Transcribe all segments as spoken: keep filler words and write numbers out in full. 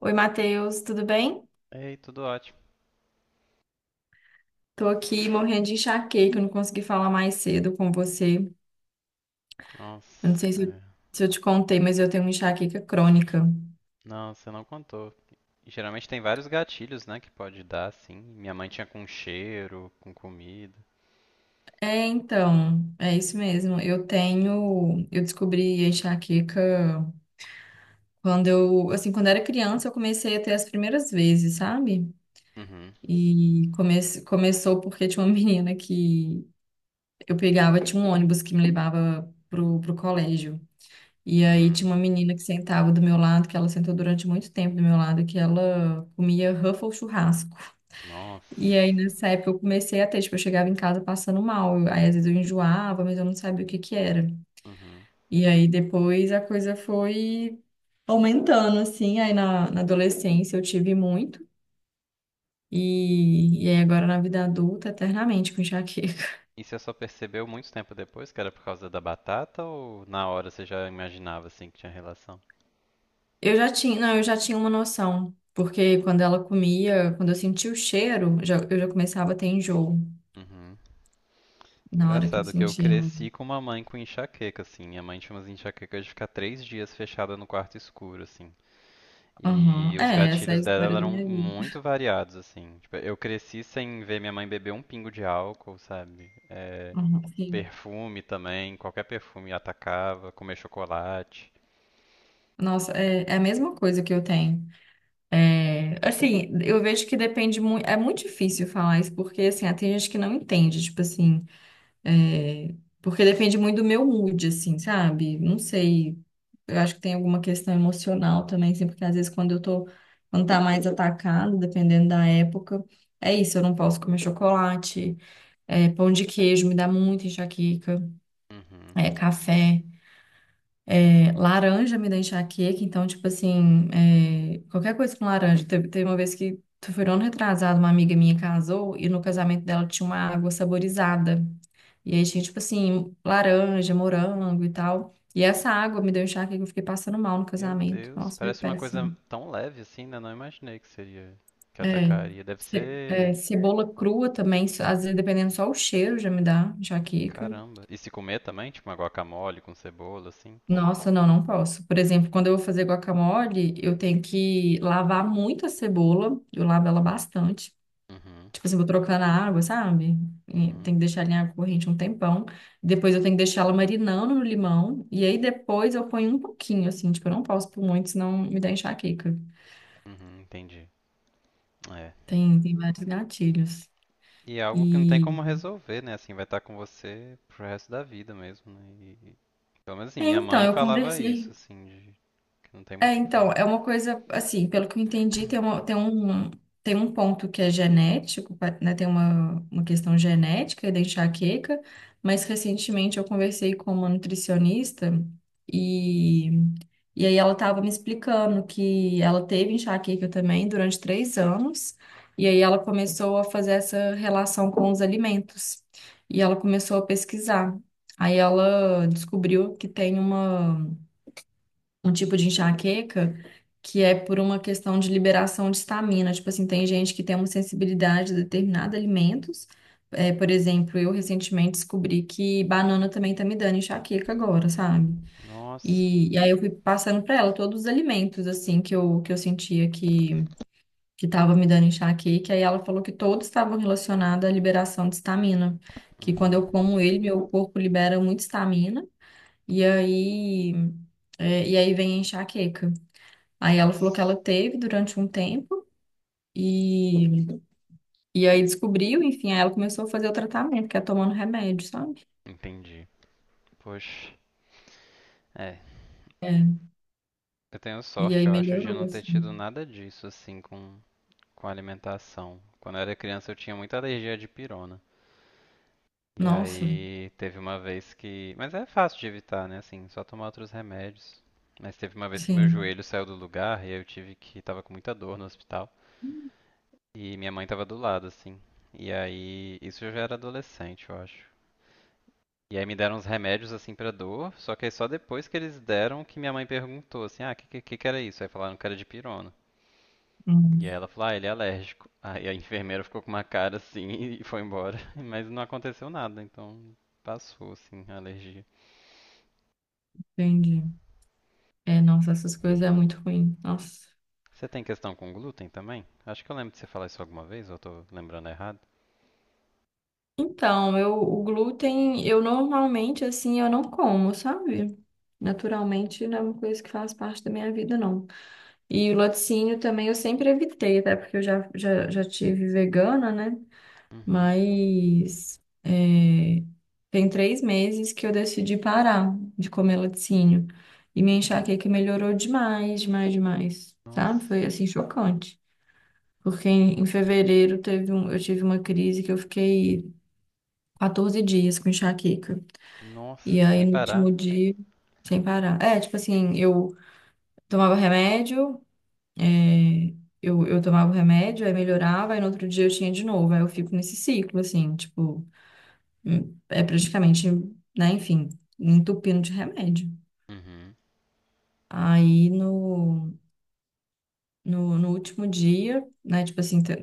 Oi, Matheus, tudo bem? Ei, tudo ótimo. Tô aqui morrendo de enxaqueca, eu não consegui falar mais cedo com você. Eu não sei Nossa, se eu, é. se eu te contei, mas eu tenho uma enxaqueca crônica. Não, você não contou. E geralmente tem vários gatilhos, né, que pode dar, assim. Minha mãe tinha com cheiro, com comida. É, então, é isso mesmo. Eu tenho, eu descobri a enxaqueca quando eu, assim, quando eu era criança, eu comecei a ter as primeiras vezes, sabe? Uhum, E come, começou porque tinha uma menina que eu pegava, tinha um ônibus que me levava pro, pro colégio. E aí tinha uhum. uma menina que sentava do meu lado, que ela sentou durante muito tempo do meu lado, que ela comia Ruffles churrasco. E Nossa. aí nessa época eu comecei a ter, tipo, eu chegava em casa passando mal. Eu- Aí às vezes eu enjoava, mas eu não sabia o que que era. Uhum. E aí depois a coisa foi aumentando, assim. Aí na, na adolescência eu tive muito. E, e aí agora na vida adulta, eternamente com enxaqueca. E você só percebeu muito tempo depois que era por causa da batata ou na hora você já imaginava, assim, que tinha relação? Eu já tinha, não, eu já tinha uma noção. Porque quando ela comia, quando eu sentia o cheiro, já- eu já começava a ter enjoo. Uhum. Na hora que eu Engraçado que eu senti ela. cresci com uma mãe com enxaqueca, assim. Minha mãe tinha umas enxaquecas de ficar três dias fechada no quarto escuro, assim. Aham. E os É, essa é a gatilhos dela história da eram minha vida. muito variados, assim. Tipo, eu cresci sem ver minha mãe beber um pingo de álcool, sabe? É, Aham, sim. perfume também, qualquer perfume atacava, comer chocolate. Nossa, é, é a mesma coisa que eu tenho. É, assim, eu vejo que depende muito. É muito difícil falar isso, porque assim, tem gente que não entende, tipo assim. é, Porque depende muito do meu mood, assim, sabe? Não sei. Eu acho que tem alguma questão emocional também, assim, porque às vezes quando eu tô. Quando tá mais atacado, dependendo da época. É isso, eu não posso comer chocolate. É, pão de queijo me dá muita enxaqueca. Uhum. É, café. É, laranja me dá enxaqueca, então, tipo assim, é, qualquer coisa com laranja. Teve, teve uma vez que, foi um ano retrasado, uma amiga minha casou e no casamento dela tinha uma água saborizada. E aí tinha, tipo assim, laranja, morango e tal. E essa água me deu enxaqueca, eu fiquei passando mal no Meu casamento. Deus, Nossa, foi parece uma coisa péssimo. tão leve assim, né? Não imaginei que seria, que É, atacaria. Deve ce- ser, é, cebola crua também, às vezes, dependendo só o cheiro, já me dá enxaqueca. caramba. E se comer também, tipo uma guacamole com cebola, assim? Nossa, não, não posso. Por exemplo, quando eu vou fazer guacamole, eu tenho que lavar muito a cebola. Eu lavo ela bastante. Uhum, Tipo assim, vou trocando a água, sabe? E tem uhum, que deixar ela em água corrente um tempão. Depois eu tenho que deixar ela marinando no limão. E aí depois eu ponho um pouquinho, assim. Tipo, eu não posso por muito, senão me dá enxaqueca. uhum, entendi. É. Tem, tem vários gatilhos. E é algo que não tem E... como resolver, né? Assim, vai estar com você pro resto da vida mesmo, né? E, pelo menos assim, É, minha então, mãe eu falava isso, conversei assim, de que não tem É, muito o que então, fazer. é uma coisa, assim, pelo que eu entendi, tem uma, tem um, tem um ponto que é genético, pa- né? Tem uma, uma questão genética da enxaqueca, mas recentemente eu conversei com uma nutricionista e, e aí ela estava me explicando que ela teve enxaqueca também durante três anos, e aí ela começou a fazer essa relação com os alimentos, e ela começou a pesquisar. Aí ela descobriu que tem uma um tipo de enxaqueca que é por uma questão de liberação de histamina. Tipo assim, tem gente que tem uma sensibilidade a determinados alimentos. É, por exemplo, eu recentemente descobri que banana também tá me dando enxaqueca agora, sabe? Nossa. E, e aí eu fui passando pra ela todos os alimentos, assim, que eu, que eu sentia que, que tava me dando enxaqueca. E ela falou que todos estavam relacionados à liberação de histamina. Que quando Uhum. eu como ele, meu corpo libera muita histamina. E aí, é, e aí vem a enxaqueca. Aí ela falou que ela Nossa. teve durante um tempo e, e aí descobriu, enfim, aí ela começou a fazer o tratamento, que é tomando remédio, sabe? Entendi. Poxa. É. É, Eu tenho e sorte, aí eu acho, de melhorou, não ter assim. tido nada disso, assim, com, com alimentação. Quando eu era criança, eu tinha muita alergia de pirona. E Nossa, aí teve uma vez que. Mas é fácil de evitar, né? Assim, só tomar outros remédios. Mas teve uma vez que meu sim, joelho saiu do lugar e aí eu tive que. Tava com muita dor no hospital. E minha mãe tava do lado, assim. E aí. Isso eu já era adolescente, eu acho. E aí me deram uns remédios, assim, pra dor. Só que aí só depois que eles deram que minha mãe perguntou, assim, ah, o que, que, que que era isso? Aí falaram que era de pirona. hum, E aí ela falou, ah, ele é alérgico. Aí a enfermeira ficou com uma cara assim e foi embora. Mas não aconteceu nada, então passou, assim, a alergia. entendi. É, nossa, essas coisas é muito ruim. Nossa. Você tem questão com glúten também? Acho que eu lembro de você falar isso alguma vez, ou eu tô lembrando errado. Então, eu, o glúten, eu normalmente, assim, eu não como, sabe? Naturalmente, não é uma coisa que faz parte da minha vida, não. E o laticínio também eu sempre evitei, até porque eu já, já, já tive vegana, né? Uhum. Mas é, tem três meses que eu decidi parar de comer laticínio. E minha Hum. enxaqueca melhorou demais, demais, demais. Sabe? Nossa. Foi assim chocante. Porque em, em fevereiro teve um, eu tive uma crise que eu fiquei quatorze dias com enxaqueca. E Nossa, aí sem no último parar. dia, sem parar. É, tipo assim, eu tomava remédio, é, eu, eu tomava o remédio, aí melhorava, aí no outro dia eu tinha de novo. Aí eu fico nesse ciclo, assim, tipo. Hum, é praticamente, né, enfim, entupindo de remédio. Uhum. Aí no, no, no último dia, né, tipo assim, te-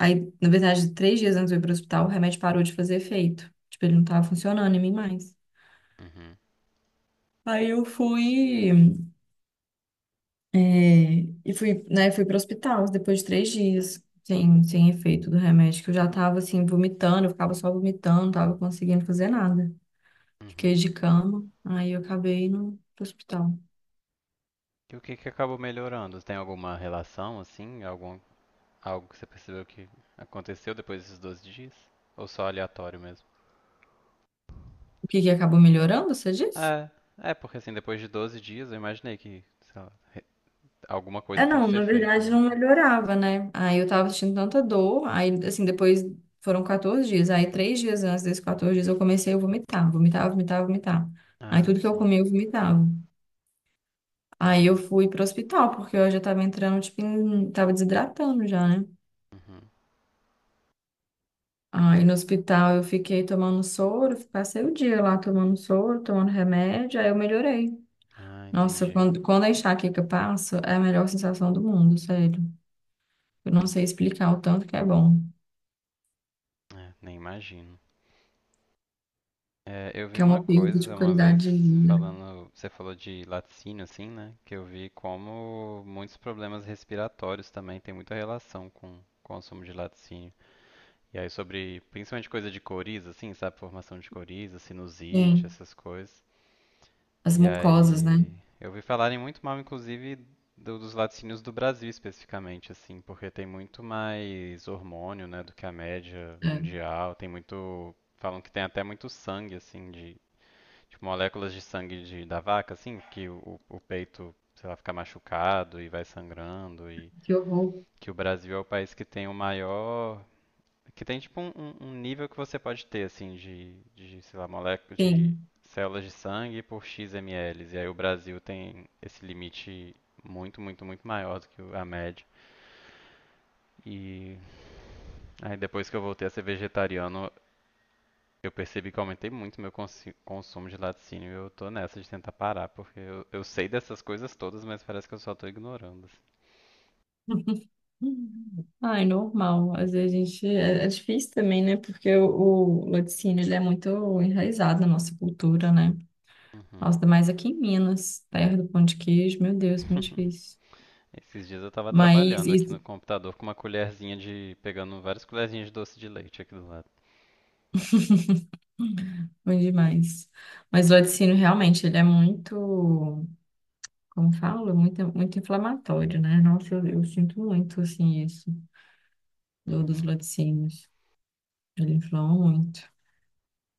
aí na verdade, três dias antes de eu ir pro hospital, o remédio parou de fazer efeito. Tipo, ele não tava funcionando em mim mais. Uhum. Aí eu fui, é, e fui, né, fui pro hospital depois de três dias. Sem, sem efeito do remédio, que eu já tava assim, vomitando, eu ficava só vomitando, não tava conseguindo fazer nada. Fiquei Uhum. de cama, aí eu acabei indo pro hospital. E o que que acabou melhorando? Tem alguma relação, assim? Algum, algo que você percebeu que aconteceu depois desses doze dias? Ou só aleatório mesmo? O que que acabou melhorando, você disse? É, é, porque assim, depois de doze dias eu imaginei que, sei lá, re- alguma É, coisa tem que não, ser na feita, verdade né? não melhorava, né? Aí eu tava sentindo tanta dor, aí assim, depois foram quatorze dias, aí três dias antes desses quatorze dias eu comecei a vomitar, vomitar, vomitar, vomitar. Aí Ah, tudo que eu sim. comia eu vomitava. Aí eu Uhum. fui pro hospital, porque eu já tava entrando, tipo, em... tava desidratando já, né? Uhum. Aí no hospital eu fiquei tomando soro, passei o dia lá tomando soro, tomando remédio, aí eu melhorei. Ah, Nossa, entendi. quando, quando a enxaqueca passa, é a melhor sensação do mundo, sério. Eu não sei Nossa, explicar o tanto que é bom, é, nem imagino. É, eu vi que é uma uma perda de coisa uma vez qualidade de vida. falando, você falou de laticínio assim, né? Que eu vi como muitos problemas respiratórios também têm muita relação com o consumo de laticínio. E aí sobre, principalmente coisa de coriza, assim, sabe? Formação de coriza, sinusite, Sim, essas coisas. as E mucosas, né? aí eu vi falarem muito mal, inclusive, do- dos laticínios do Brasil especificamente, assim, porque tem muito mais hormônio, né, do que a média É, mundial. Tem muito, falam que tem até muito sangue, assim, de tipo, moléculas de sangue de, da vaca, assim, que o, o peito, sei lá, fica machucado e vai sangrando e que horror. que o Brasil é o país que tem o maior, que tem tipo um, um- um nível que você pode ter, assim, de, de, sei lá, moléculas de Sim. células de sangue por x ml. E aí o Brasil tem esse limite muito, muito, muito maior do que o- a média. E aí depois que eu voltei a ser vegetariano, eu percebi que eu aumentei muito meu consi- consumo de laticínio e eu tô nessa de tentar parar, porque eu, eu sei dessas coisas todas, mas parece que eu só tô ignorando, assim. Ai, normal. Às vezes a gente. É, é difícil também, né? Porque o, o laticínio ele é muito enraizado na nossa cultura, né? Uhum. Nossa, ainda mais aqui em Minas, terra do pão de queijo, meu Deus, muito difícil. Esses dias eu tava Mas trabalhando aqui isso, no computador com uma colherzinha de, pegando várias colherzinhas de doce de leite aqui do lado. ruim demais. Mas o laticínio realmente ele é muito. Como falo, é muito, muito inflamatório, né? Nossa, eu, eu sinto muito, assim, isso, do, dos Uhum. laticínios. Ele inflama muito.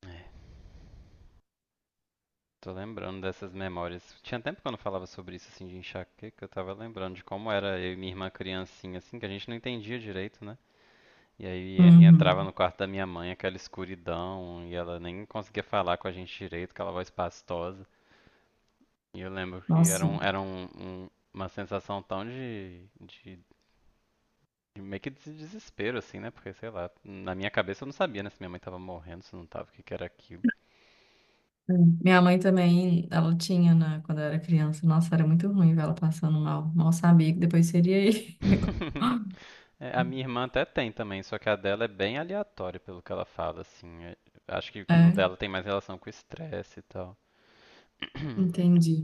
É. Tô lembrando dessas memórias. Tinha tempo que eu não falava sobre isso, assim, de enxaqueca. Eu tava lembrando de como era eu e minha irmã criancinha, assim, que a gente não entendia direito, né? E aí e- e entrava Uhum. no quarto da minha mãe, aquela escuridão, e ela nem conseguia falar com a gente direito, aquela voz pastosa. E eu lembro que era, Nossa, um, era um, um- uma sensação tão de, de, de meio que de desespero, assim, né? Porque, sei lá, na minha cabeça eu não sabia, né, se minha mãe tava morrendo, se não tava, o que que era aquilo. Hum. minha mãe também, ela tinha, né, quando eu era criança. Nossa, era muito ruim ver ela passando mal. Mal sabia que depois seria aí. É, a minha irmã até tem também, só que a dela é bem aleatória pelo que ela fala, assim. É, acho que É, no dela tem mais relação com o estresse e tal. entendi.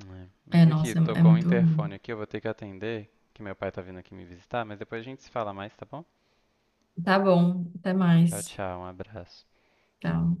É, É, mas aqui, nossa, é, é tocou o muito ruim. interfone aqui, eu vou ter que atender, que meu pai tá vindo aqui me visitar, mas depois a gente se fala mais, tá bom? Tá bom, até Tchau, mais. tchau, um abraço. Tchau.